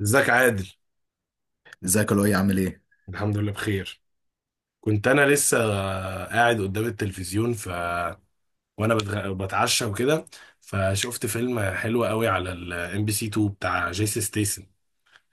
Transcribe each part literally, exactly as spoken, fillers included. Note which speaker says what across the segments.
Speaker 1: ازيك عادل؟
Speaker 2: ازيك يا لؤي؟ عامل ايه؟
Speaker 1: الحمد لله بخير. كنت انا لسه قاعد قدام التلفزيون، ف وانا بتغ... بتعشى وكده، فشفت فيلم حلو قوي على الام بي سي اتنين بتاع جيسي ستيسن.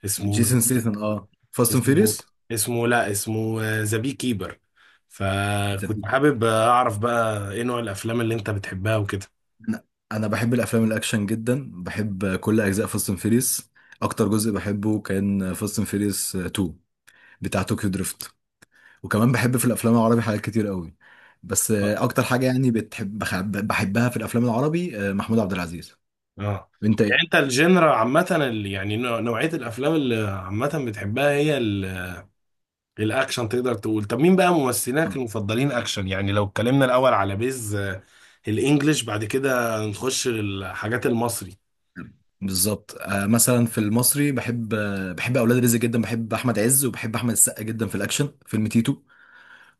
Speaker 1: اسمه
Speaker 2: جيسون ستيثم، اه، فاست اند
Speaker 1: اسمه
Speaker 2: فيريوس.
Speaker 1: اسمه لا اسمه ذا بي كيبر. فكنت حابب اعرف بقى ايه نوع الافلام اللي انت بتحبها وكده.
Speaker 2: انا أنا بحب الافلام الاكشن جدا، بحب كل اجزاء فاست اند فيريوس. اكتر جزء بحبه كان فاست اند فيريوس اتنين، بتاع طوكيو دريفت. وكمان بحب في الافلام العربي حاجات كتير قوي، بس آه، اكتر حاجه يعني بتحب بخ- بحبها في الافلام العربي، آه، محمود عبد العزيز.
Speaker 1: اه،
Speaker 2: وانت
Speaker 1: يعني
Speaker 2: ايه؟
Speaker 1: انت الجنرا عامة ال- يعني نوع- نوعية الافلام اللي عامة بتحبها هي الاكشن، تقدر تقول. طب مين بقى
Speaker 2: آه،
Speaker 1: ممثلينك المفضلين اكشن؟ يعني لو اتكلمنا الاول على بيز، آه، الانجليش، بعد كده نخش للحاجات المصري.
Speaker 2: بالظبط. آه، مثلا في المصري بحب، آه، بحب اولاد رزق جدا، بحب احمد عز وبحب احمد السقا جدا في الاكشن، فيلم تيتو.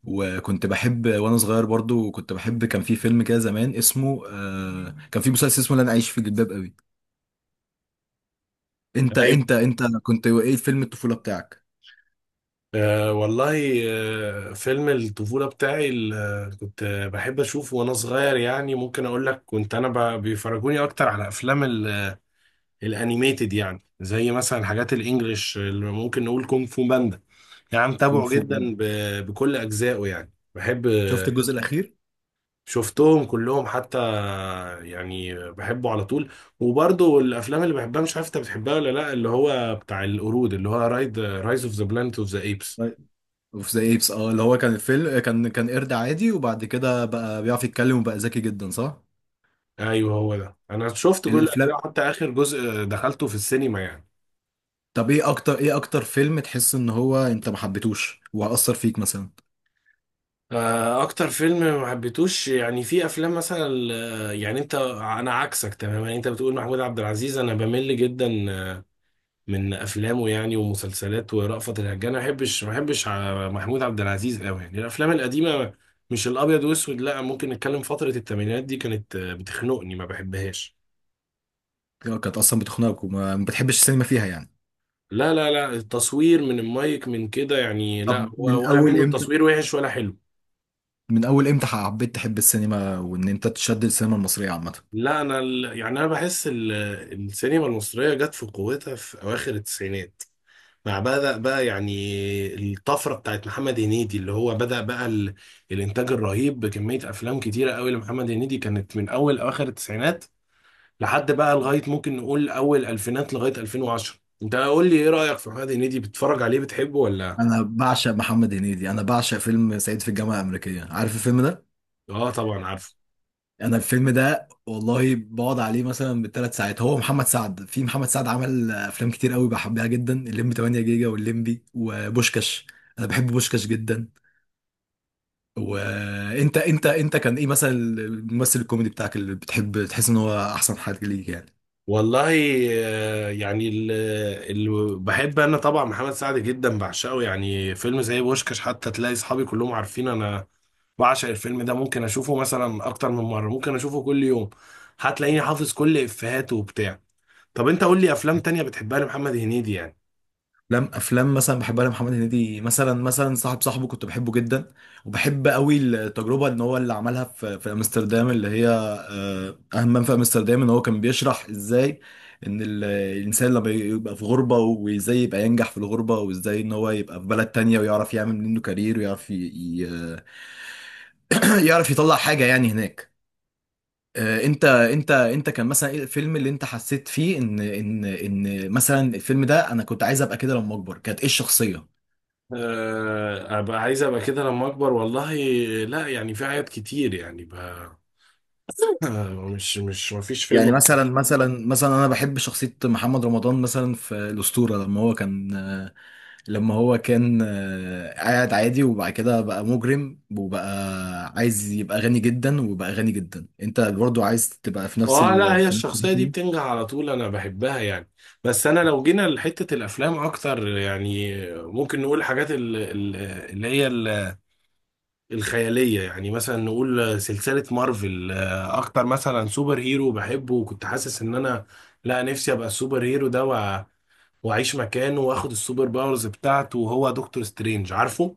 Speaker 2: وكنت بحب وانا صغير، برضو كنت بحب، كان في فيلم كده زمان اسمه آه كان في مسلسل اسمه لن اعيش في جلباب قوي. انت
Speaker 1: ايوه.
Speaker 2: انت انت كنت ايه فيلم الطفوله بتاعك؟
Speaker 1: أه والله. أه، فيلم الطفولة بتاعي اللي كنت بحب أشوفه وأنا صغير، يعني ممكن أقول لك كنت أنا ب- بيفرجوني أكتر على أفلام ال- الأنيميتد، يعني زي مثلا حاجات الإنجليش اللي ممكن نقول كونغ فو باندا. يعني
Speaker 2: كونغ
Speaker 1: متابعه
Speaker 2: فو
Speaker 1: جدا
Speaker 2: باندا.
Speaker 1: ب- بكل أجزائه، يعني بحب.
Speaker 2: شفت الجزء الاخير؟
Speaker 1: شفتهم كلهم حتى، يعني بحبه على طول. وبرضه الافلام اللي بحبها، مش عارف انت بتحبها ولا لا، اللي هو بتاع القرود، اللي هو رايد رايز اوف ذا بلانت اوف ذا ايبس.
Speaker 2: طيب. اوف ذا ايبس، اه، اللي هو كان الفيلم، كان كان قرد عادي وبعد كده بقى بيعرف يتكلم وبقى ذكي جدا، صح؟
Speaker 1: ايوه، هو ده، انا شفت كل
Speaker 2: الافلام،
Speaker 1: الاجزاء حتى اخر جزء دخلته في السينما يعني.
Speaker 2: طب ايه اكتر، ايه اكتر فيلم تحس ان هو انت ما حبيتوش وهأثر فيك مثلا؟
Speaker 1: آه، اكتر فيلم ما حبيتوش يعني، في افلام مثلا، آه، يعني انت انا عكسك تماما. انت بتقول محمود عبد العزيز، انا بمل جدا من افلامه يعني، ومسلسلات ورأفت الهجان. ما بحبش ما بحبش ع- محمود عبد العزيز قوي، يعني الافلام القديمه، مش الابيض واسود لا، ممكن نتكلم فتره الثمانينات دي، كانت آه، بتخنقني ما بحبهاش.
Speaker 2: كانت اصلا بتخنقك وما ما بتحبش السينما فيها يعني؟
Speaker 1: لا لا لا، التصوير من المايك من كده يعني، لا
Speaker 2: طب من
Speaker 1: هو ولا
Speaker 2: اول
Speaker 1: منه،
Speaker 2: امتى،
Speaker 1: التصوير وحش ولا حلو.
Speaker 2: من اول امتى حبيت تحب السينما وان انت تشد السينما المصريه عامه؟
Speaker 1: لا انا ال- يعني انا بحس ال- السينما المصريه جت في قوتها في اواخر التسعينات، مع بدأ بقى يعني الطفرة بتاعت محمد هنيدي، اللي هو بدأ بقى ال... الإنتاج الرهيب بكمية أفلام كتيرة قوي لمحمد هنيدي، كانت من أول أواخر التسعينات لحد بقى لغاية ممكن نقول أول ألفينات لغاية ألفين وعشرة. أنت قول لي إيه رأيك في محمد هنيدي، بتتفرج عليه بتحبه ولا؟
Speaker 2: انا بعشق محمد هنيدي، انا بعشق فيلم صعيدي في الجامعه الامريكيه. عارف الفيلم ده؟
Speaker 1: آه طبعا عارفه.
Speaker 2: انا الفيلم ده والله بقعد عليه مثلا بالثلاث ساعات. هو محمد سعد، في محمد سعد، عمل افلام كتير قوي بحبها جدا، الليمبي تمانية جيجا والليمبي وبوشكاش. انا بحب بوشكاش جدا. وانت انت انت كان ايه مثلا الممثل الكوميدي بتاعك اللي بتحب تحس ان هو احسن حاجه ليك يعني؟
Speaker 1: والله، آه، يعني اللي بحب أنا طبعا محمد سعد جدا، بعشقه يعني. فيلم زي بوشكاش، حتى تلاقي أصحابي كلهم عارفين أنا بعشق الفيلم ده. ممكن اشوفه مثلا اكتر من مره، ممكن اشوفه كل يوم، هتلاقيني حافظ كل افيهاته وبتاع. طب انت قول لي افلام تانية بتحبها لمحمد هنيدي يعني.
Speaker 2: افلام، افلام مثلا بحبها لمحمد هنيدي مثلا، مثلا صاحب صاحبه، كنت بحبه جدا. وبحب قوي التجربه ان هو اللي عملها في في امستردام، اللي هي آه، اهم من في امستردام ان هو كان بيشرح ازاي ان ال- الانسان لما يبقى في غربه وازاي يبقى ينجح في الغربه وازاي ان هو يبقى في بلد تانية ويعرف يعمل منه كارير ويعرف ي... ي- يعرف يطلع حاجه يعني هناك. آه، انت انت انت كان مثلا ايه الفيلم اللي انت حسيت فيه ان ان ان مثلا الفيلم ده انا كنت عايز ابقى كده لما اكبر، كانت ايه الشخصيه؟
Speaker 1: أه، ابقى عايز ابقى كده لما اكبر. والله لا، يعني في حاجات كتير يعني ب... آه، مش مش مفيش
Speaker 2: يعني
Speaker 1: فيلم.
Speaker 2: مثلا، مثلا مثلا، انا بحب شخصيه محمد رمضان مثلا في الاسطوره، لما هو كان لما هو كان آه، قاعد عادي وبعد كده بقى مجرم وبقى عايز يبقى غني جدا وبقى غني جدا. انت برضو عايز تبقى في نفس
Speaker 1: اه لا،
Speaker 2: ال...
Speaker 1: هي
Speaker 2: في نفس الحتة
Speaker 1: الشخصية دي
Speaker 2: دي؟
Speaker 1: بتنجح على طول انا بحبها يعني. بس انا لو جينا لحتة الافلام اكتر يعني، ممكن نقول الحاجات ال- ال- اللي هي الخيالية، يعني مثلا نقول سلسلة مارفل. آه، أكتر مثلا سوبر هيرو بحبه وكنت حاسس إن أنا لا نفسي أبقى السوبر هيرو ده وأ- وأعيش مكانه وآخد السوبر باورز بتاعته، وهو دكتور سترينج، عارفه؟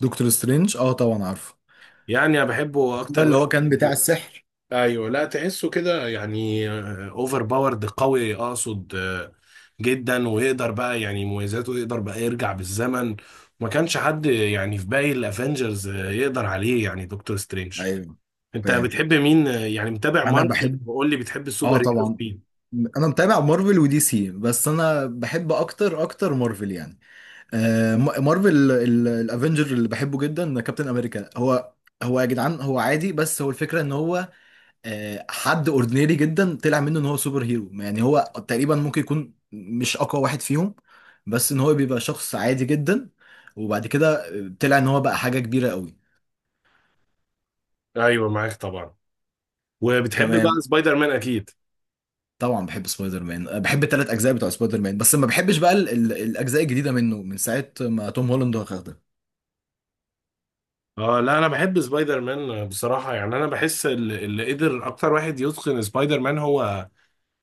Speaker 2: دكتور سترينج، اه طبعا عارفه.
Speaker 1: يعني أنا بحبه
Speaker 2: ده
Speaker 1: أكتر
Speaker 2: اللي
Speaker 1: واحد.
Speaker 2: هو كان بتاع السحر.
Speaker 1: أيوه لا، تحسه كده يعني أوفر باورد قوي أقصد، آه، جدا. ويقدر بقى يعني مميزاته، يقدر بقى يرجع بالزمن. ما كانش حد يعني في باقي الافنجرز، آه، يقدر عليه يعني دكتور سترينج.
Speaker 2: ايوه،
Speaker 1: انت
Speaker 2: فاهم.
Speaker 1: بتحب مين؟ يعني متابع
Speaker 2: انا
Speaker 1: مارفل،
Speaker 2: بحب،
Speaker 1: وقول لي بتحب
Speaker 2: اه
Speaker 1: السوبر هيروز
Speaker 2: طبعا،
Speaker 1: مين.
Speaker 2: انا متابع مارفل ودي سي، بس انا بحب اكتر، اكتر مارفل يعني. آه م- مارفل، الافنجر اللي بحبه جدا كابتن امريكا. هو هو يا جدعان هو عادي، بس هو الفكره ان هو آه، حد اوردينري جدا طلع منه ان هو سوبر هيرو يعني. هو تقريبا ممكن يكون مش اقوى واحد فيهم، بس ان هو بيبقى شخص عادي جدا وبعد كده طلع ان هو بقى حاجه كبيره قوي.
Speaker 1: ايوه معاك طبعا. وبتحب بقى
Speaker 2: تمام.
Speaker 1: سبايدر مان اكيد.
Speaker 2: طبعا بحب سبايدر مان، أه، بحب الثلاث اجزاء بتوع سبايدر مان، بس ما بحبش بقى ال- ال- الاجزاء الجديده منه من ساعه ما توم هولاند واخدها.
Speaker 1: اه لا، انا بحب سبايدر مان بصراحه، يعني انا بحس ال- اللي قدر اكتر واحد يتقن سبايدر مان هو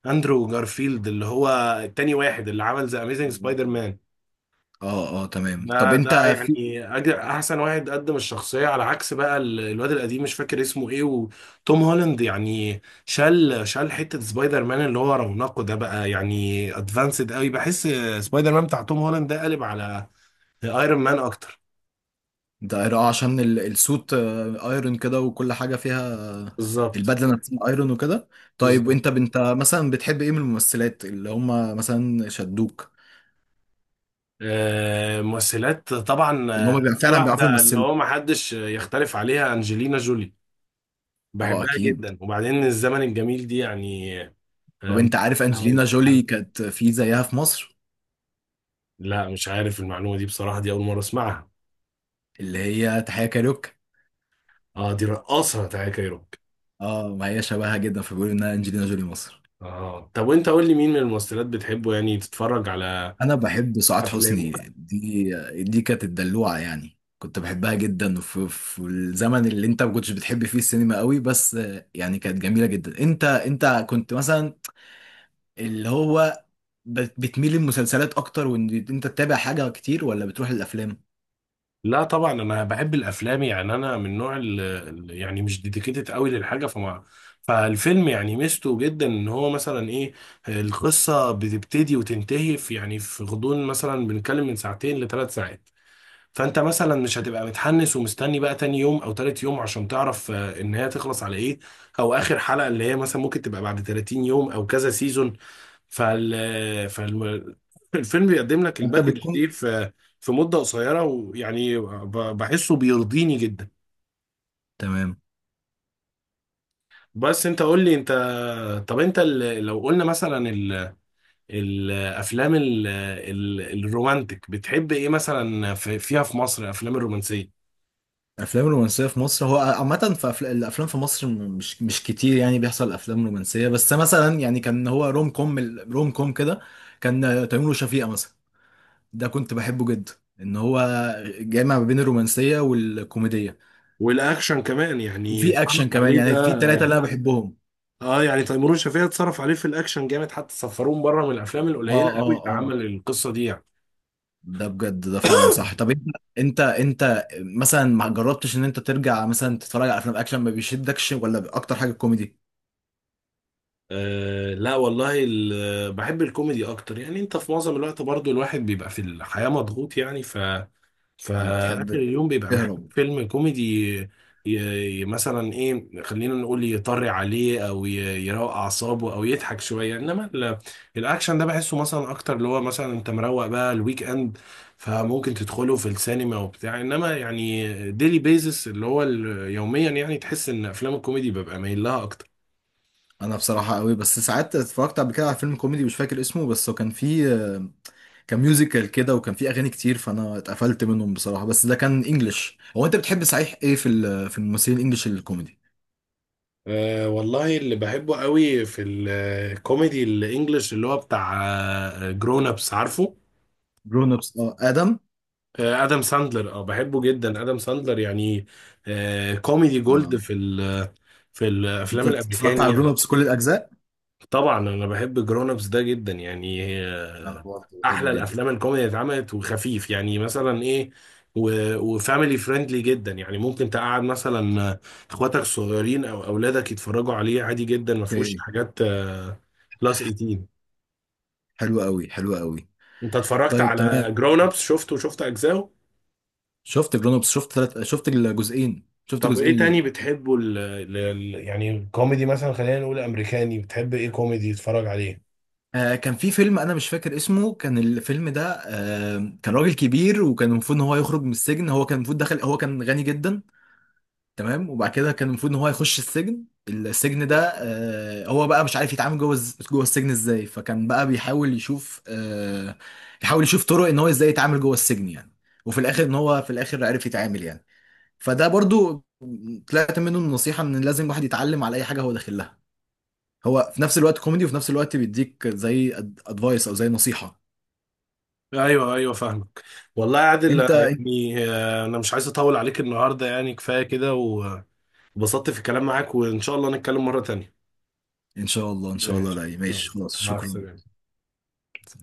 Speaker 1: اندرو جارفيلد، اللي هو التاني واحد اللي عمل ذا اميزنج سبايدر مان.
Speaker 2: اه اه تمام. طب
Speaker 1: ده ده
Speaker 2: انت في
Speaker 1: يعني أج- احسن واحد قدم الشخصيه، على عكس بقى ال- الواد القديم مش فاكر اسمه ايه، وتوم هولاند يعني شال شال حته سبايدر مان اللي هو رونقه ده بقى، يعني ادفانسد قوي، بحس سبايدر مان بتاع توم هولاند ده قالب على ايرون مان اكتر.
Speaker 2: ده، اه، عشان ال- السوت آه، ايرون كده، وكل حاجه فيها آه،
Speaker 1: بالظبط.
Speaker 2: البدله نفسها ايرون وكده. طيب
Speaker 1: بالظبط.
Speaker 2: وانت انت مثلا بتحب ايه من الممثلات اللي هم مثلا شدوك؟
Speaker 1: آه، ممثلات طبعا،
Speaker 2: ان هم
Speaker 1: آه،
Speaker 2: بيبقى
Speaker 1: في
Speaker 2: فعلا بيعرفوا
Speaker 1: واحده اللي
Speaker 2: يمثلوا.
Speaker 1: هو ما حدش يختلف عليها، انجلينا جولي.
Speaker 2: اه
Speaker 1: بحبها
Speaker 2: اكيد.
Speaker 1: جدا، وبعدين الزمن الجميل دي يعني.
Speaker 2: طب
Speaker 1: آه.
Speaker 2: انت عارف انجلينا جولي كانت في زيها في مصر؟
Speaker 1: لا مش عارف المعلومة دي بصراحة، دي أول مرة أسمعها.
Speaker 2: اللي هي تحية كاريوك.
Speaker 1: اه، دي رقاصة تاكا كايروكي.
Speaker 2: اه، ما هي شبهها جدا، فبيقولوا انها انجلينا جولي مصر.
Speaker 1: اه، طب وانت قول لي مين من الممثلات بتحبه يعني تتفرج على
Speaker 2: انا بحب سعاد حسني.
Speaker 1: افلامه.
Speaker 2: دي دي كانت الدلوعه يعني، كنت بحبها جدا في في الزمن اللي انت ما كنتش بتحب فيه السينما قوي، بس يعني كانت جميله جدا. انت انت كنت مثلا اللي هو بت- بتميل للمسلسلات اكتر وان انت تتابع حاجه كتير ولا بتروح الافلام؟
Speaker 1: لا طبعا انا بحب الافلام، يعني انا من نوع ال ال- يعني مش ديديكيتد قوي للحاجه، فما فالفيلم يعني ميزته جدا ان هو مثلا ايه، القصه بتبتدي وتنتهي في يعني، في غضون مثلا بنتكلم من ساعتين لثلاث ساعات. فانت مثلا مش هتبقى متحمس ومستني بقى تاني يوم او تالت يوم عشان تعرف، آه، ان هي تخلص على ايه، او اخر حلقة اللي هي مثلا ممكن تبقى بعد تلاتين يوم او كذا سيزون. فال فال الفيلم بيقدم لك
Speaker 2: انت
Speaker 1: الباكج دي
Speaker 2: بتكون؟
Speaker 1: في في مدة قصيرة، ويعني ب- بحسه بيرضيني جدا.
Speaker 2: تمام.
Speaker 1: بس انت قول لي انت، طب انت ال- لو قلنا مثلا ال- الافلام ال- ال- الرومانتك، بتحب ايه مثلا في فيها في مصر افلام الرومانسية؟
Speaker 2: الافلام الرومانسيه في مصر هو عامه في أفل... الافلام في مصر، م- مش مش كتير يعني بيحصل افلام رومانسيه، بس مثلا يعني كان هو روم كوم، روم كوم كده، كان تيمور وشفيقة مثلا. ده كنت بحبه جدا، ان هو جامع ما بين الرومانسيه والكوميديه.
Speaker 1: والاكشن كمان يعني،
Speaker 2: وفي اكشن
Speaker 1: اتصرف
Speaker 2: كمان
Speaker 1: عليه
Speaker 2: يعني، في
Speaker 1: ده.
Speaker 2: ثلاثه اللي انا بحبهم.
Speaker 1: اه يعني تيمور وشفيقة اتصرف عليه في الاكشن جامد، حتى سفروه بره، من الافلام
Speaker 2: اه
Speaker 1: القليله
Speaker 2: اه
Speaker 1: قوي اللي
Speaker 2: اه،
Speaker 1: عمل القصه دي يعني.
Speaker 2: ده بجد، ده فعلا صح. طب انت، انت انت مثلا ما جربتش ان انت ترجع مثلا تتفرج على افلام اكشن؟ ما بيشدكش ولا اكتر حاجه كوميدي؟
Speaker 1: آه لا والله، ال- بحب الكوميدي اكتر يعني. انت في معظم الوقت برضو الواحد بيبقى في الحياه مضغوط، يعني ف
Speaker 2: ولا
Speaker 1: فاخر
Speaker 2: بتحب
Speaker 1: اليوم بيبقى محتاج
Speaker 2: تهرب؟
Speaker 1: فيلم كوميدي. ي... ي... مثلا ايه، خلينا نقول يطري عليه، او ي... يروق اعصابه، او يضحك شويه. انما ال... الاكشن ده بحسه مثلا اكتر اللي هو، مثلا انت مروق بقى الويك اند فممكن تدخله في السينما وبتاع، انما يعني ديلي بيزس اللي هو ال- يوميا، يعني تحس ان افلام الكوميدي ببقى مايل لها اكتر.
Speaker 2: انا بصراحه قوي، بس ساعات اتفرجت قبل كده على فيلم كوميدي مش فاكر اسمه، بس هو كان فيه آه، كان ميوزيكال كده وكان فيه اغاني كتير، فانا اتقفلت منهم بصراحه، بس ده كان انجلش. هو انت بتحب صحيح ايه في ال- في الممثلين الانجليش الكوميدي؟
Speaker 1: أه والله، اللي بحبه قوي في الكوميدي الانجليش اللي هو بتاع جرون ابس، عارفه؟
Speaker 2: جرون ابس، اه، ادم.
Speaker 1: آه، ادم ساندلر، اه بحبه جدا ادم ساندلر يعني، آه، كوميدي جولد
Speaker 2: اه،
Speaker 1: في ال في
Speaker 2: انت
Speaker 1: الافلام
Speaker 2: اتفرجت
Speaker 1: الامريكاني
Speaker 2: على جرون
Speaker 1: يعني.
Speaker 2: ابس كل الاجزاء؟
Speaker 1: طبعا انا بحب جرون ابس ده جدا يعني،
Speaker 2: انا
Speaker 1: آه،
Speaker 2: برضه بحبه
Speaker 1: احلى
Speaker 2: جدا.
Speaker 1: الافلام الكوميدي اللي اتعملت وخفيف، يعني مثلا ايه، وفاميلي فريندلي جدا، يعني ممكن تقعد مثلا آه، اخواتك الصغيرين او اولادك يتفرجوا عليه عادي جدا، ما فيهوش
Speaker 2: اوكي،
Speaker 1: حاجات بلس تمنتاشر.
Speaker 2: حلو قوي، حلو قوي.
Speaker 1: انت اتفرجت
Speaker 2: طيب
Speaker 1: على
Speaker 2: تمام.
Speaker 1: جرون ابس، شفته وشفت اجزاءه؟
Speaker 2: شفت جرون ابس، شفت ثلاث، شفت الجزئين. شفت
Speaker 1: طب ايه
Speaker 2: جزئين
Speaker 1: تاني
Speaker 2: ليه؟
Speaker 1: بتحبه ال ال يعني الكوميدي مثلا، خلينا نقول امريكاني، بتحب ايه كوميدي تتفرج عليه؟
Speaker 2: آه، كان في فيلم انا مش فاكر اسمه. كان الفيلم ده آه، كان راجل كبير وكان المفروض ان هو يخرج من السجن، هو كان المفروض دخل، هو كان غني جدا. تمام. وبعد كده كان المفروض ان هو يخش السجن. السجن ده آه، هو بقى مش عارف يتعامل جوه الز- جوه السجن ازاي، فكان بقى بيحاول يشوف آه، يحاول يشوف طرق ان هو ازاي يتعامل جوه السجن يعني. وفي الاخر ان هو في الاخر عرف يتعامل يعني. فده برضو طلعت منه النصيحة ان لازم الواحد يتعلم على اي حاجة هو داخل لها. هو في نفس الوقت كوميدي وفي نفس الوقت بيديك زي ادفايس او زي نصيحة.
Speaker 1: ايوه ايوه فاهمك. والله يا عادل، آه،
Speaker 2: انت
Speaker 1: يعني آه، انا مش عايز اطول عليك النهارده، يعني كفايه كده، وبسطت في الكلام معاك، وان شاء الله نتكلم مره تانية.
Speaker 2: ان شاء الله، ان شاء الله.
Speaker 1: ماشي،
Speaker 2: رأي ماشي،
Speaker 1: يلا،
Speaker 2: خلاص،
Speaker 1: مع
Speaker 2: شكرا.
Speaker 1: السلامة.